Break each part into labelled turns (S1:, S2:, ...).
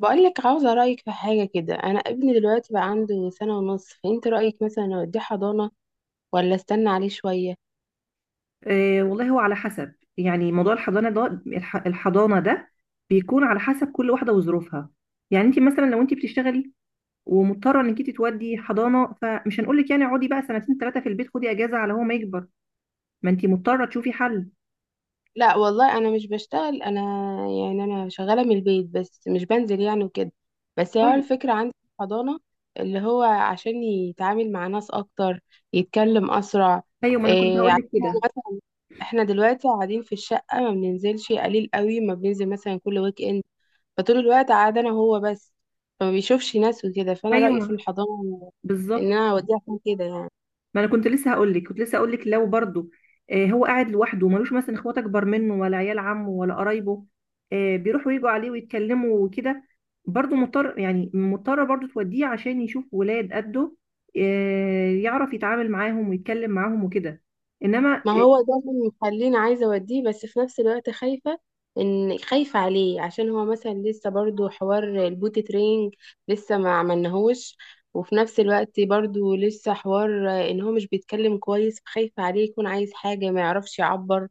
S1: بقولك عاوزة رأيك في حاجة كده. أنا ابني دلوقتي بقى عنده سنة ونص، فأنت رأيك مثلا أوديه حضانة ولا أستنى عليه شوية؟
S2: آه، والله هو على حسب. يعني موضوع الحضانه ده الحضانه ده بيكون على حسب كل واحده وظروفها. يعني انت مثلا لو انت بتشتغلي ومضطره انك انت تودي حضانه، فمش هنقول لك يعني اقعدي بقى سنتين ثلاثه في البيت، خدي اجازه على هو ما يكبر. ما انت مضطره تشوفي حل.
S1: لا والله أنا مش بشتغل أنا، يعني أنا شغالة من البيت بس مش بنزل يعني وكده. بس هو
S2: طيب.
S1: الفكرة عندي في الحضانة اللي هو عشان يتعامل مع ناس أكتر، يتكلم أسرع.
S2: ايوه، ما انا كنت
S1: إيه
S2: هقول
S1: عشان
S2: لك
S1: هو
S2: كده.
S1: مثلا إحنا دلوقتي قاعدين في الشقة ما بننزلش قليل قوي، ما بننزل مثلا كل ويك إند، فطول الوقت قاعد انا وهو بس، فما بيشوفش ناس وكده. فانا رأيي في
S2: ايوه،
S1: الحضانة ان
S2: بالظبط.
S1: انا اوديه عشان كده يعني.
S2: ما انا كنت لسه هقول لك لو برضه. هو قاعد لوحده وملوش مثلا اخوات اكبر منه ولا عيال عمه ولا قرايبه، بيروحوا يجوا عليه ويتكلموا وكده. برضه مضطر، يعني مضطره برضه توديه عشان يشوف ولاد قده، يعرف يتعامل معاهم ويتكلم معاهم وكده. انما
S1: ما هو ده اللي مخليني عايزة اوديه، بس في نفس الوقت خايفة ان خايفة عليه عشان هو مثلا لسه برضو حوار البوت ترينج لسه ما عملناهوش، وفي نفس الوقت برضو لسه حوار ان هو مش بيتكلم كويس، فخايفة عليه يكون عايز حاجة ما يعرفش يعبر،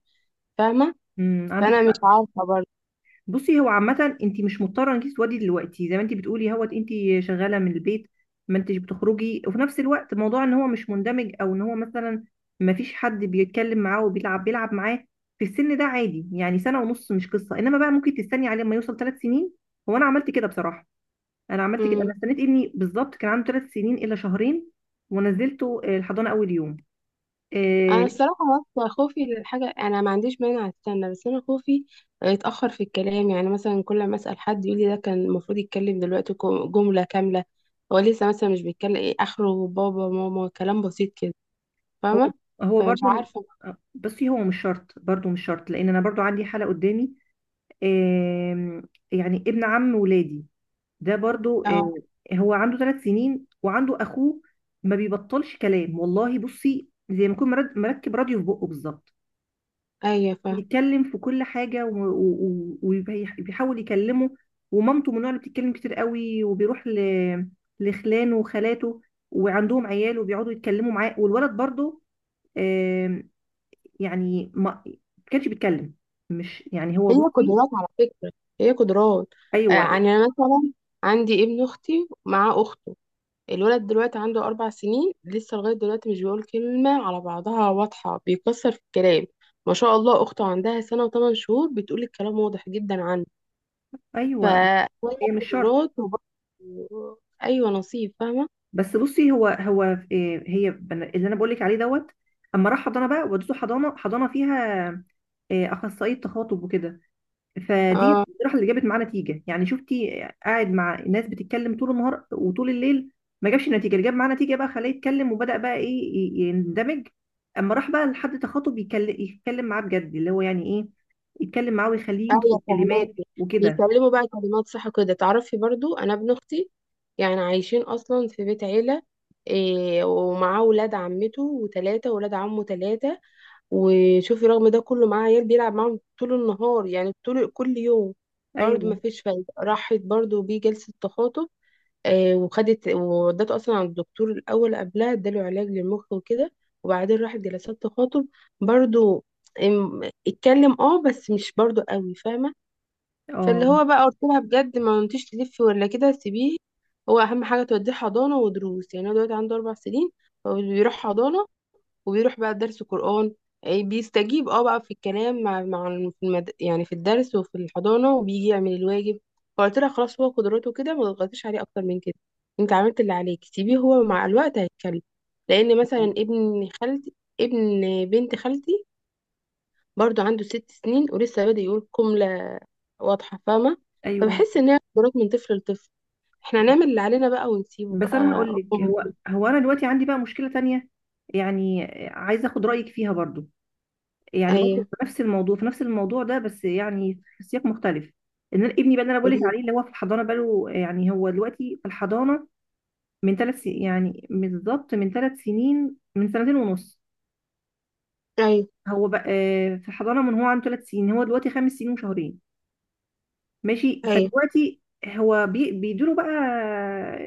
S1: فاهمة؟
S2: مم، عندك
S1: فانا مش
S2: حق.
S1: عارفة.
S2: بصي هو عامة انت مش مضطرة انك تسودي دلوقتي، زي ما انت بتقولي هوت انت شغالة من البيت، ما انتش بتخرجي. وفي نفس الوقت موضوع ان هو مش مندمج او ان هو مثلا ما فيش حد بيتكلم معاه وبيلعب بيلعب معاه، في السن ده عادي. يعني سنة ونص مش قصة، انما بقى ممكن تستني عليه لما يوصل 3 سنين. هو انا عملت كده بصراحة، انا عملت كده، انا
S1: برضو
S2: استنيت ابني بالظبط كان عنده 3 سنين الا شهرين ونزلته الحضانة اول يوم. آه،
S1: انا الصراحه بس خوفي للحاجه، انا ما عنديش مانع استنى، بس انا خوفي يتاخر في الكلام. يعني مثلا كل ما اسال حد يقول لي ده كان المفروض يتكلم دلوقتي جمله كامله. هو لسه مثلا مش بيتكلم، ايه اخره بابا ماما كلام بسيط كده.
S2: هو
S1: فاهمه؟
S2: هو
S1: فمش
S2: برضو.
S1: عارفه.
S2: بصي هو مش شرط، برضو مش شرط، لان انا برضو عندي حالة قدامي. آم، يعني ابن عم ولادي ده برضو،
S1: اه.
S2: هو عنده 3 سنين وعنده اخوه ما بيبطلش كلام والله. بصي زي ما يكون مركب راديو في بقه بالظبط،
S1: ايوه فاهمه.
S2: يتكلم في كل حاجه وبيحاول يكلمه. ومامته من النوع اللي بتتكلم كتير قوي، وبيروح لخلانه وخالاته وعندهم عيال وبيقعدوا يتكلموا معاه، والولد برضو آم، يعني ما كانش بيتكلم. مش يعني هو.
S1: هي
S2: بصي.
S1: قدرات على فكره، هي قدرات.
S2: ايوه.
S1: يعني انا مثلا عندي ابن اختي مع اخته، الولد دلوقتي عنده أربع سنين لسه، لغاية دلوقتي مش بيقول كلمة على بعضها واضحة، بيكسر في الكلام. ما شاء الله أخته عندها سنة وثمان شهور بتقول الكلام واضح جدا عنه.
S2: ايوه،
S1: فأولى
S2: هي مش شرط.
S1: قدرات، وبرضه أيوة نصيب، فاهمة؟
S2: بس بصي هو إيه، هي اللي انا بقول لك عليه دوت، اما راح حضانه بقى، ودته حضانه فيها إيه، اخصائيه تخاطب وكده، فدي
S1: اه،
S2: الصراحه اللي جابت معاه نتيجه. يعني شفتي، قاعد مع ناس بتتكلم طول النهار وطول الليل ما جابش نتيجه، اللي جاب معاه نتيجه بقى خلاه يتكلم وبدا بقى ايه يندمج. اما راح بقى لحد تخاطب يتكلم معاه بجد، اللي هو يعني ايه، يتكلم معاه ويخليه ينطق
S1: أيوة
S2: الكلمات
S1: فهماكي.
S2: وكده.
S1: بيتكلموا بقى كلمات صح كده؟ تعرفي برضو أنا ابن أختي يعني عايشين أصلا في بيت عيلة، إيه ومعاه ولاد عمته وتلاتة ولاد عمه تلاتة. وشوفي رغم ده كله معاه عيال بيلعب معاهم طول النهار، يعني طول كل يوم، برضه
S2: ايوه.
S1: ما فيش فايدة. راحت برضه بيه جلسة تخاطب، آه، وخدت وودته أصلا عند الدكتور الأول قبلها، اداله علاج للمخ وكده، وبعدين راحت جلسات تخاطب. برضه اتكلم اه بس مش برضه قوي، فاهمة؟
S2: اه.
S1: فاللي هو بقى قلت لها بجد ما انتيش تلفي ولا كده، سيبيه. هو أهم حاجة توديه حضانة ودروس، يعني هو دلوقتي عنده أربع سنين، فبيروح حضانة وبيروح بقى درس قرآن. إيه، بيستجيب اه بقى في الكلام مع يعني في الدرس وفي الحضانة وبيجي يعمل الواجب. فقلت لها خلاص هو قدراته كده، ما تضغطيش عليه اكتر من كده. انت عملت اللي عليك سيبيه، هو مع الوقت هيتكلم. لان مثلا ابن خالتي، ابن بنت خالتي، برضو عنده ست سنين ولسه بادئ يقول جملة واضحة، فاهمة؟
S2: ايوه.
S1: فبحس ان هي قدرات من طفل لطفل، احنا نعمل اللي علينا بقى ونسيبه
S2: بس انا
S1: بقى.
S2: هقول لك هو انا دلوقتي عندي بقى مشكله تانية، يعني عايزه اخد رايك فيها برضو. يعني برضو
S1: ايوه
S2: في نفس الموضوع ده، بس يعني في سياق مختلف. ان أنا ابني بقى اللي انا بقول لك
S1: قوليلي.
S2: عليه، اللي هو في الحضانه بقى له، يعني هو دلوقتي في الحضانه من ثلاث يعني، بالظبط من 3 سنين، من سنتين ونص.
S1: ايوه،
S2: هو بقى في الحضانه من هو عنده 3 سنين، هو دلوقتي 5 سنين وشهرين، ماشي.
S1: ايوه،
S2: فدلوقتي هو بيدوله بقى،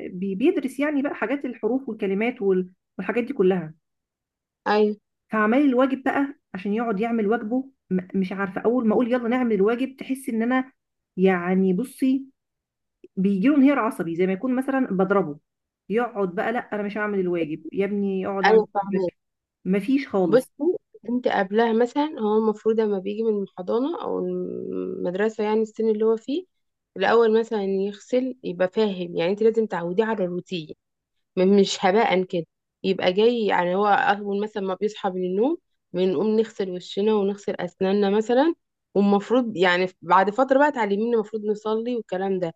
S2: بيدرس يعني بقى حاجات الحروف والكلمات والحاجات دي كلها.
S1: ايوه،
S2: فعمال الواجب بقى عشان يقعد يعمل واجبه، مش عارفه، اول ما اقول يلا نعمل الواجب تحس ان انا، يعني بصي، بيجيله انهيار عصبي زي ما يكون مثلا بضربه. يقعد بقى، لا انا مش هعمل الواجب يا ابني اقعد
S1: ايوه،
S2: اعمل
S1: فاهمة.
S2: واجبك، مفيش
S1: بصي
S2: خالص.
S1: انت قبلها مثلا هو المفروض لما بيجي من الحضانة او المدرسة يعني السن اللي هو فيه الاول مثلا يغسل، يبقى فاهم. يعني انت لازم تعوديه على الروتين، مش هباء كده. يبقى جاي يعني هو أول مثلا ما بيصحى من النوم بنقوم نغسل وشنا ونغسل أسناننا مثلا، والمفروض يعني بعد فترة بقى تعلميني المفروض نصلي والكلام ده.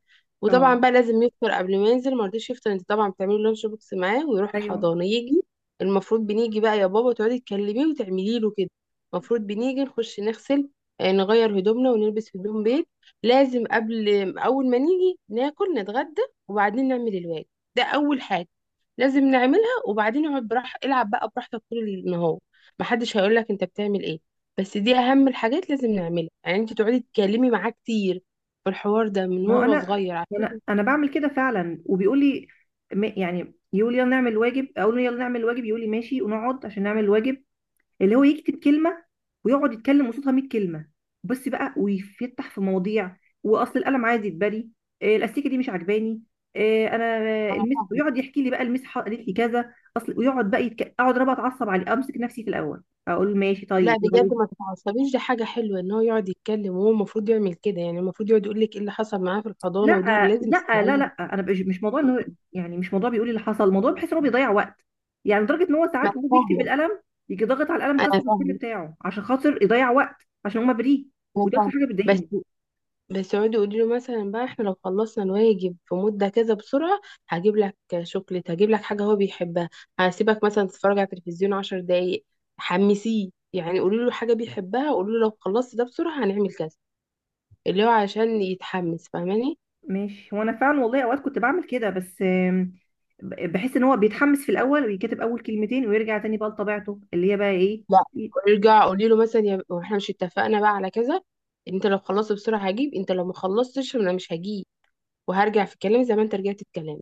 S2: اه.
S1: وطبعا بقى لازم يفطر قبل ما ينزل، ما رضيش يفطر انت طبعا بتعملي لانش بوكس معاه ويروح
S2: ايوه.
S1: الحضانة. يجي المفروض بنيجي بقى يا بابا تقعدي تكلميه وتعملي له كده. المفروض بنيجي نخش نغسل، نغير هدومنا ونلبس هدوم بيت. لازم قبل أول ما نيجي ناكل نتغدى وبعدين نعمل الواجب. ده أول حاجة لازم نعملها، وبعدين اقعد براح العب بقى براحتك طول النهار، محدش هيقول لك انت بتعمل ايه. بس دي اهم الحاجات لازم نعملها، يعني انت تقعدي تتكلمي معاه كتير في الحوار ده من
S2: ما هو
S1: هو
S2: انا
S1: صغير عشان.
S2: انا انا بعمل كده فعلا وبيقول لي، يعني يقول يلا نعمل الواجب، اقول له يلا نعمل الواجب، يقول لي ماشي، ونقعد عشان نعمل الواجب، اللي هو يكتب كلمه ويقعد يتكلم قصادها 100 كلمه بس بقى، ويفتح في مواضيع، واصل القلم عايز يتبري، إيه الاستيكه دي مش عجباني، إيه، انا
S1: انا
S2: المس،
S1: فاهمه.
S2: ويقعد يحكي لي بقى المس قالت لي كذا، اصل ويقعد بقى اقعد انا بقى اتعصب عليه، امسك نفسي في الاول، اقول ماشي
S1: لا
S2: طيب معلش.
S1: بجد ما تتعصبيش، دي حاجه حلوه ان هو يقعد يتكلم، وهو المفروض يعمل كده. يعني المفروض يقعد يقول لك ايه اللي حصل معاه في
S2: لا
S1: الحضانه، ودي لازم
S2: لا لا
S1: تسمعيه.
S2: لا. انا مش موضوع انه، يعني مش موضوع بيقول لي اللي حصل، الموضوع بحس ان هو بيضيع وقت. يعني لدرجه ان هو
S1: ما انا
S2: ساعات وهو بيكتب
S1: فاهمه،
S2: بالقلم يجي ضاغط على القلم
S1: انا
S2: كسر الفيلم
S1: فاهمه،
S2: بتاعه عشان خاطر يضيع وقت، عشان هو بريء.
S1: انا
S2: وده اكتر
S1: فاهمه.
S2: حاجه
S1: بس
S2: بتضايقني.
S1: بس يقعدوا يقولوا له مثلا بقى احنا لو خلصنا الواجب في مدة كذا بسرعة هجيب لك شوكليت، هجيب لك حاجة هو بيحبها، هسيبك مثلا تتفرج على التلفزيون عشر دقايق. حمسيه يعني، قولوا له حاجة بيحبها، قولوا له لو خلصت ده بسرعة هنعمل كذا، اللي هو عشان يتحمس، فاهماني؟
S2: ماشي، وانا فعلا والله اوقات كنت بعمل كده، بس بحس ان هو بيتحمس في الاول ويكتب اول كلمتين ويرجع تاني بقى لطبيعته اللي هي بقى ايه
S1: لا
S2: ي-
S1: ويرجع قولي له مثلا يا واحنا مش اتفقنا بقى على كذا، انت لو خلصت بسرعة هجيب، انت لو ما خلصتش انا مش هجيب، وهرجع في كلامي زي ما انت رجعت في كلامك.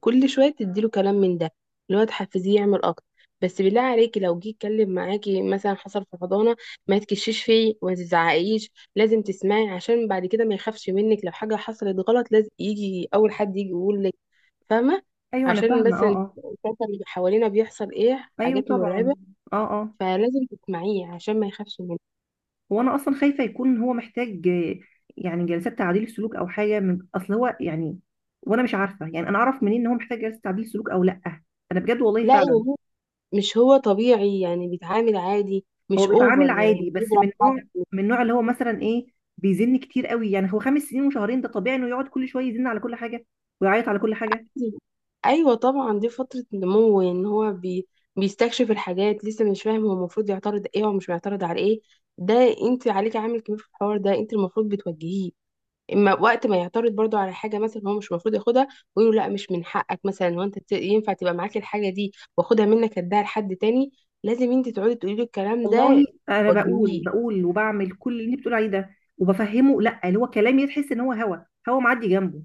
S1: كل شويه تديله كلام من ده اللي هو تحفزيه يعمل اكتر. بس بالله عليكي لو جه يتكلم معاكي مثلا حصل في حضانه، ما تكشيش فيه وما تزعقيش، لازم تسمعي عشان بعد كده ما يخافش منك. لو حاجه حصلت غلط لازم يجي اول حد يجي يقول لك، فاهمه؟
S2: ايوه انا
S1: عشان
S2: فاهمه. اه.
S1: بس
S2: اه.
S1: الفترة اللي حوالينا بيحصل ايه
S2: ايوه
S1: حاجات مرعبه،
S2: طبعا. اه. اه.
S1: فلازم تسمعيه عشان ما يخافش منك.
S2: هو انا اصلا خايفه يكون هو محتاج يعني جلسات تعديل سلوك او حاجه من اصل هو يعني، وانا مش عارفه يعني انا اعرف منين ان هو محتاج جلسه تعديل سلوك او لا. انا بجد والله
S1: لا
S2: فعلا.
S1: يعني مش هو طبيعي يعني، بيتعامل عادي
S2: هو
S1: مش
S2: بيتعامل
S1: اوفر، يعني
S2: عادي بس
S1: بيضرب
S2: من نوع،
S1: حد.
S2: من نوع اللي هو مثلا ايه، بيزن كتير قوي. يعني هو 5 سنين وشهرين ده طبيعي انه يقعد كل شويه يزن على كل حاجه ويعيط على كل حاجه.
S1: ايوه طبعا دي فتره نمو ان هو بيستكشف الحاجات، لسه مش فاهم هو المفروض يعترض ايه ومش بيعترض على ايه ده. انت عليك عامل كبير في الحوار ده، انت المفروض بتوجهيه. اما وقت ما يعترض برضو على حاجه مثلا هو مش المفروض ياخدها، ويقول له لا مش من حقك مثلا، هو ينفع تبقى معاك الحاجه دي، واخدها منك اديها لحد تاني. لازم انت تقعدي تقولي له الكلام ده،
S2: والله انا بقول
S1: توجهيه.
S2: بقول وبعمل كل اللي انت بتقول عليه ده، وبفهمه. لا، اللي هو كلامي تحس ان هو هوا معدي جنبه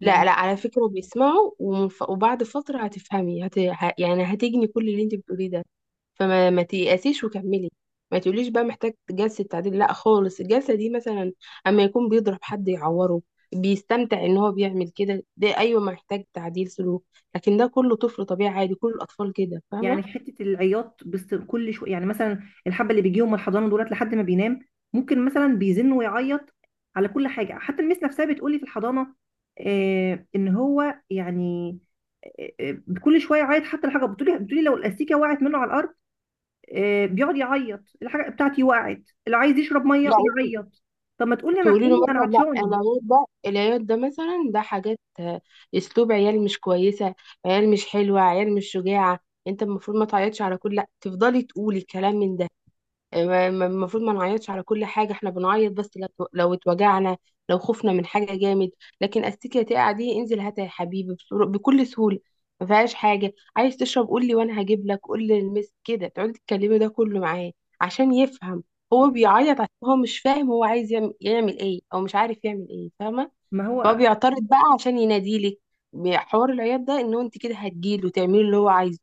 S1: لا
S2: يعني.
S1: لا، على فكرة بيسمعوا، وبعد فترة هتفهمي، يعني هتجني كل اللي انت بتقوليه ده. فما ما تيأسيش وكملي. ما تقوليش بقى محتاج جلسة تعديل، لا خالص. الجلسة دي مثلا اما يكون بيضرب حد يعوره، بيستمتع ان هو بيعمل كده، ده ايوه محتاج تعديل سلوك. لكن ده كله طفل طبيعي عادي، كل الاطفال كده، فاهمة؟
S2: حته العياط بس كل شويه، يعني مثلا الحبه اللي بيجيهم من الحضانه دولت لحد ما بينام، ممكن مثلا بيزن ويعيط على كل حاجه. حتى المس نفسها بتقولي في الحضانه ان هو يعني، كل شويه يعيط. حتى الحاجه بتقولي لو الاستيكه وقعت منه على الارض، بيقعد يعيط الحاجه بتاعتي وقعت، اللي عايز يشرب ميه
S1: لا،
S2: يعيط. طب ما تقولي، انا
S1: تقولي
S2: قولي
S1: له
S2: انا
S1: مثلا لا
S2: عطشان.
S1: العياط ده، العياط ده مثلا ده حاجات اسلوب عيال مش كويسه، عيال مش حلوه، عيال مش شجاعه. انت المفروض ما تعيطش على كل، لا تفضلي تقولي كلام من ده. المفروض ما نعيطش على كل حاجة، احنا بنعيط بس لو اتوجعنا، لو خفنا من حاجة جامد. لكن استيكية تقع دي انزل هاتها يا حبيبي بكل سهولة، ما فيهاش حاجة. عايز تشرب قول لي وانا هجيب لك، قول لي المس كده، تقعدي تتكلمي ده كله معاه عشان يفهم. هو بيعيط عشان هو مش فاهم هو عايز يعمل ايه او مش عارف يعمل ايه، فاهمة؟
S2: ما
S1: فهو
S2: هو
S1: بيعترض بقى عشان يناديلك، حوار العياط ده ان هو انت كده هتجيله تعملي اللي هو عايزه.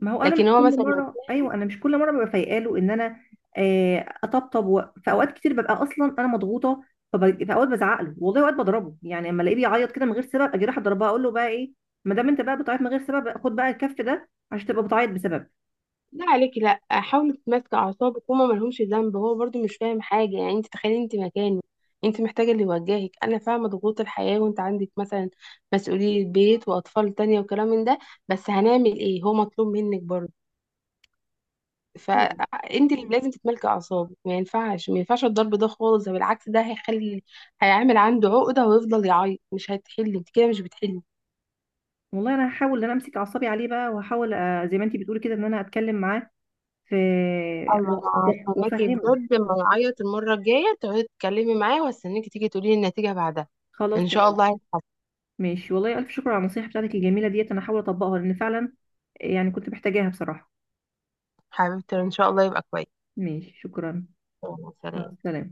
S2: ما هو انا مش
S1: لكن هو
S2: كل
S1: مثلا
S2: مره، ايوه انا مش كل مره ببقى فايقه له ان انا اطبطب في اوقات كتير ببقى اصلا انا مضغوطه. في اوقات بزعق له، والله اوقات بضربه يعني، اما الاقيه بيعيط كده من غير سبب اجي رايح اضربها، اقول له بقى ايه، ما دام انت بقى بتعيط من غير سبب خد بقى الكف ده عشان تبقى بتعيط بسبب.
S1: لا عليكي، لا حاولي تتماسكي اعصابك، هما ملهمش ذنب، هو برضو مش فاهم حاجه. يعني انت تخيلي انت مكانه، انت محتاجه اللي يوجهك. انا فاهمه ضغوط الحياه، وانت عندك مثلا مسؤوليه بيت واطفال تانية وكلام من ده. بس هنعمل ايه، هو مطلوب منك برضو، فانت اللي لازم تتملكي اعصابك. ما ينفعش، ما ينفعش الضرب ده خالص، ده بالعكس ده هيعمل عنده عقده ويفضل يعيط، مش هتحل انت كده، مش بتحلي.
S2: والله انا هحاول ان انا امسك اعصابي عليه بقى، وهحاول زي ما انتي بتقولي كده ان انا اتكلم معاه في،
S1: اما انا هستناكي
S2: وافهمه.
S1: بجد، لما نعيط المره الجايه تقعدي تتكلمي معايا، واستناكي تيجي تقولي لي النتيجه بعدها.
S2: خلاص
S1: ان شاء
S2: تمام.
S1: الله هيتحسن.
S2: ماشي، والله الف شكر على النصيحه بتاعتك الجميله ديت، انا هحاول اطبقها لان فعلا يعني كنت محتاجاها بصراحه.
S1: حبيبتي ان شاء الله يبقى كويس.
S2: ماشي شكرا.
S1: يلا،
S2: مع
S1: سلام.
S2: السلامه.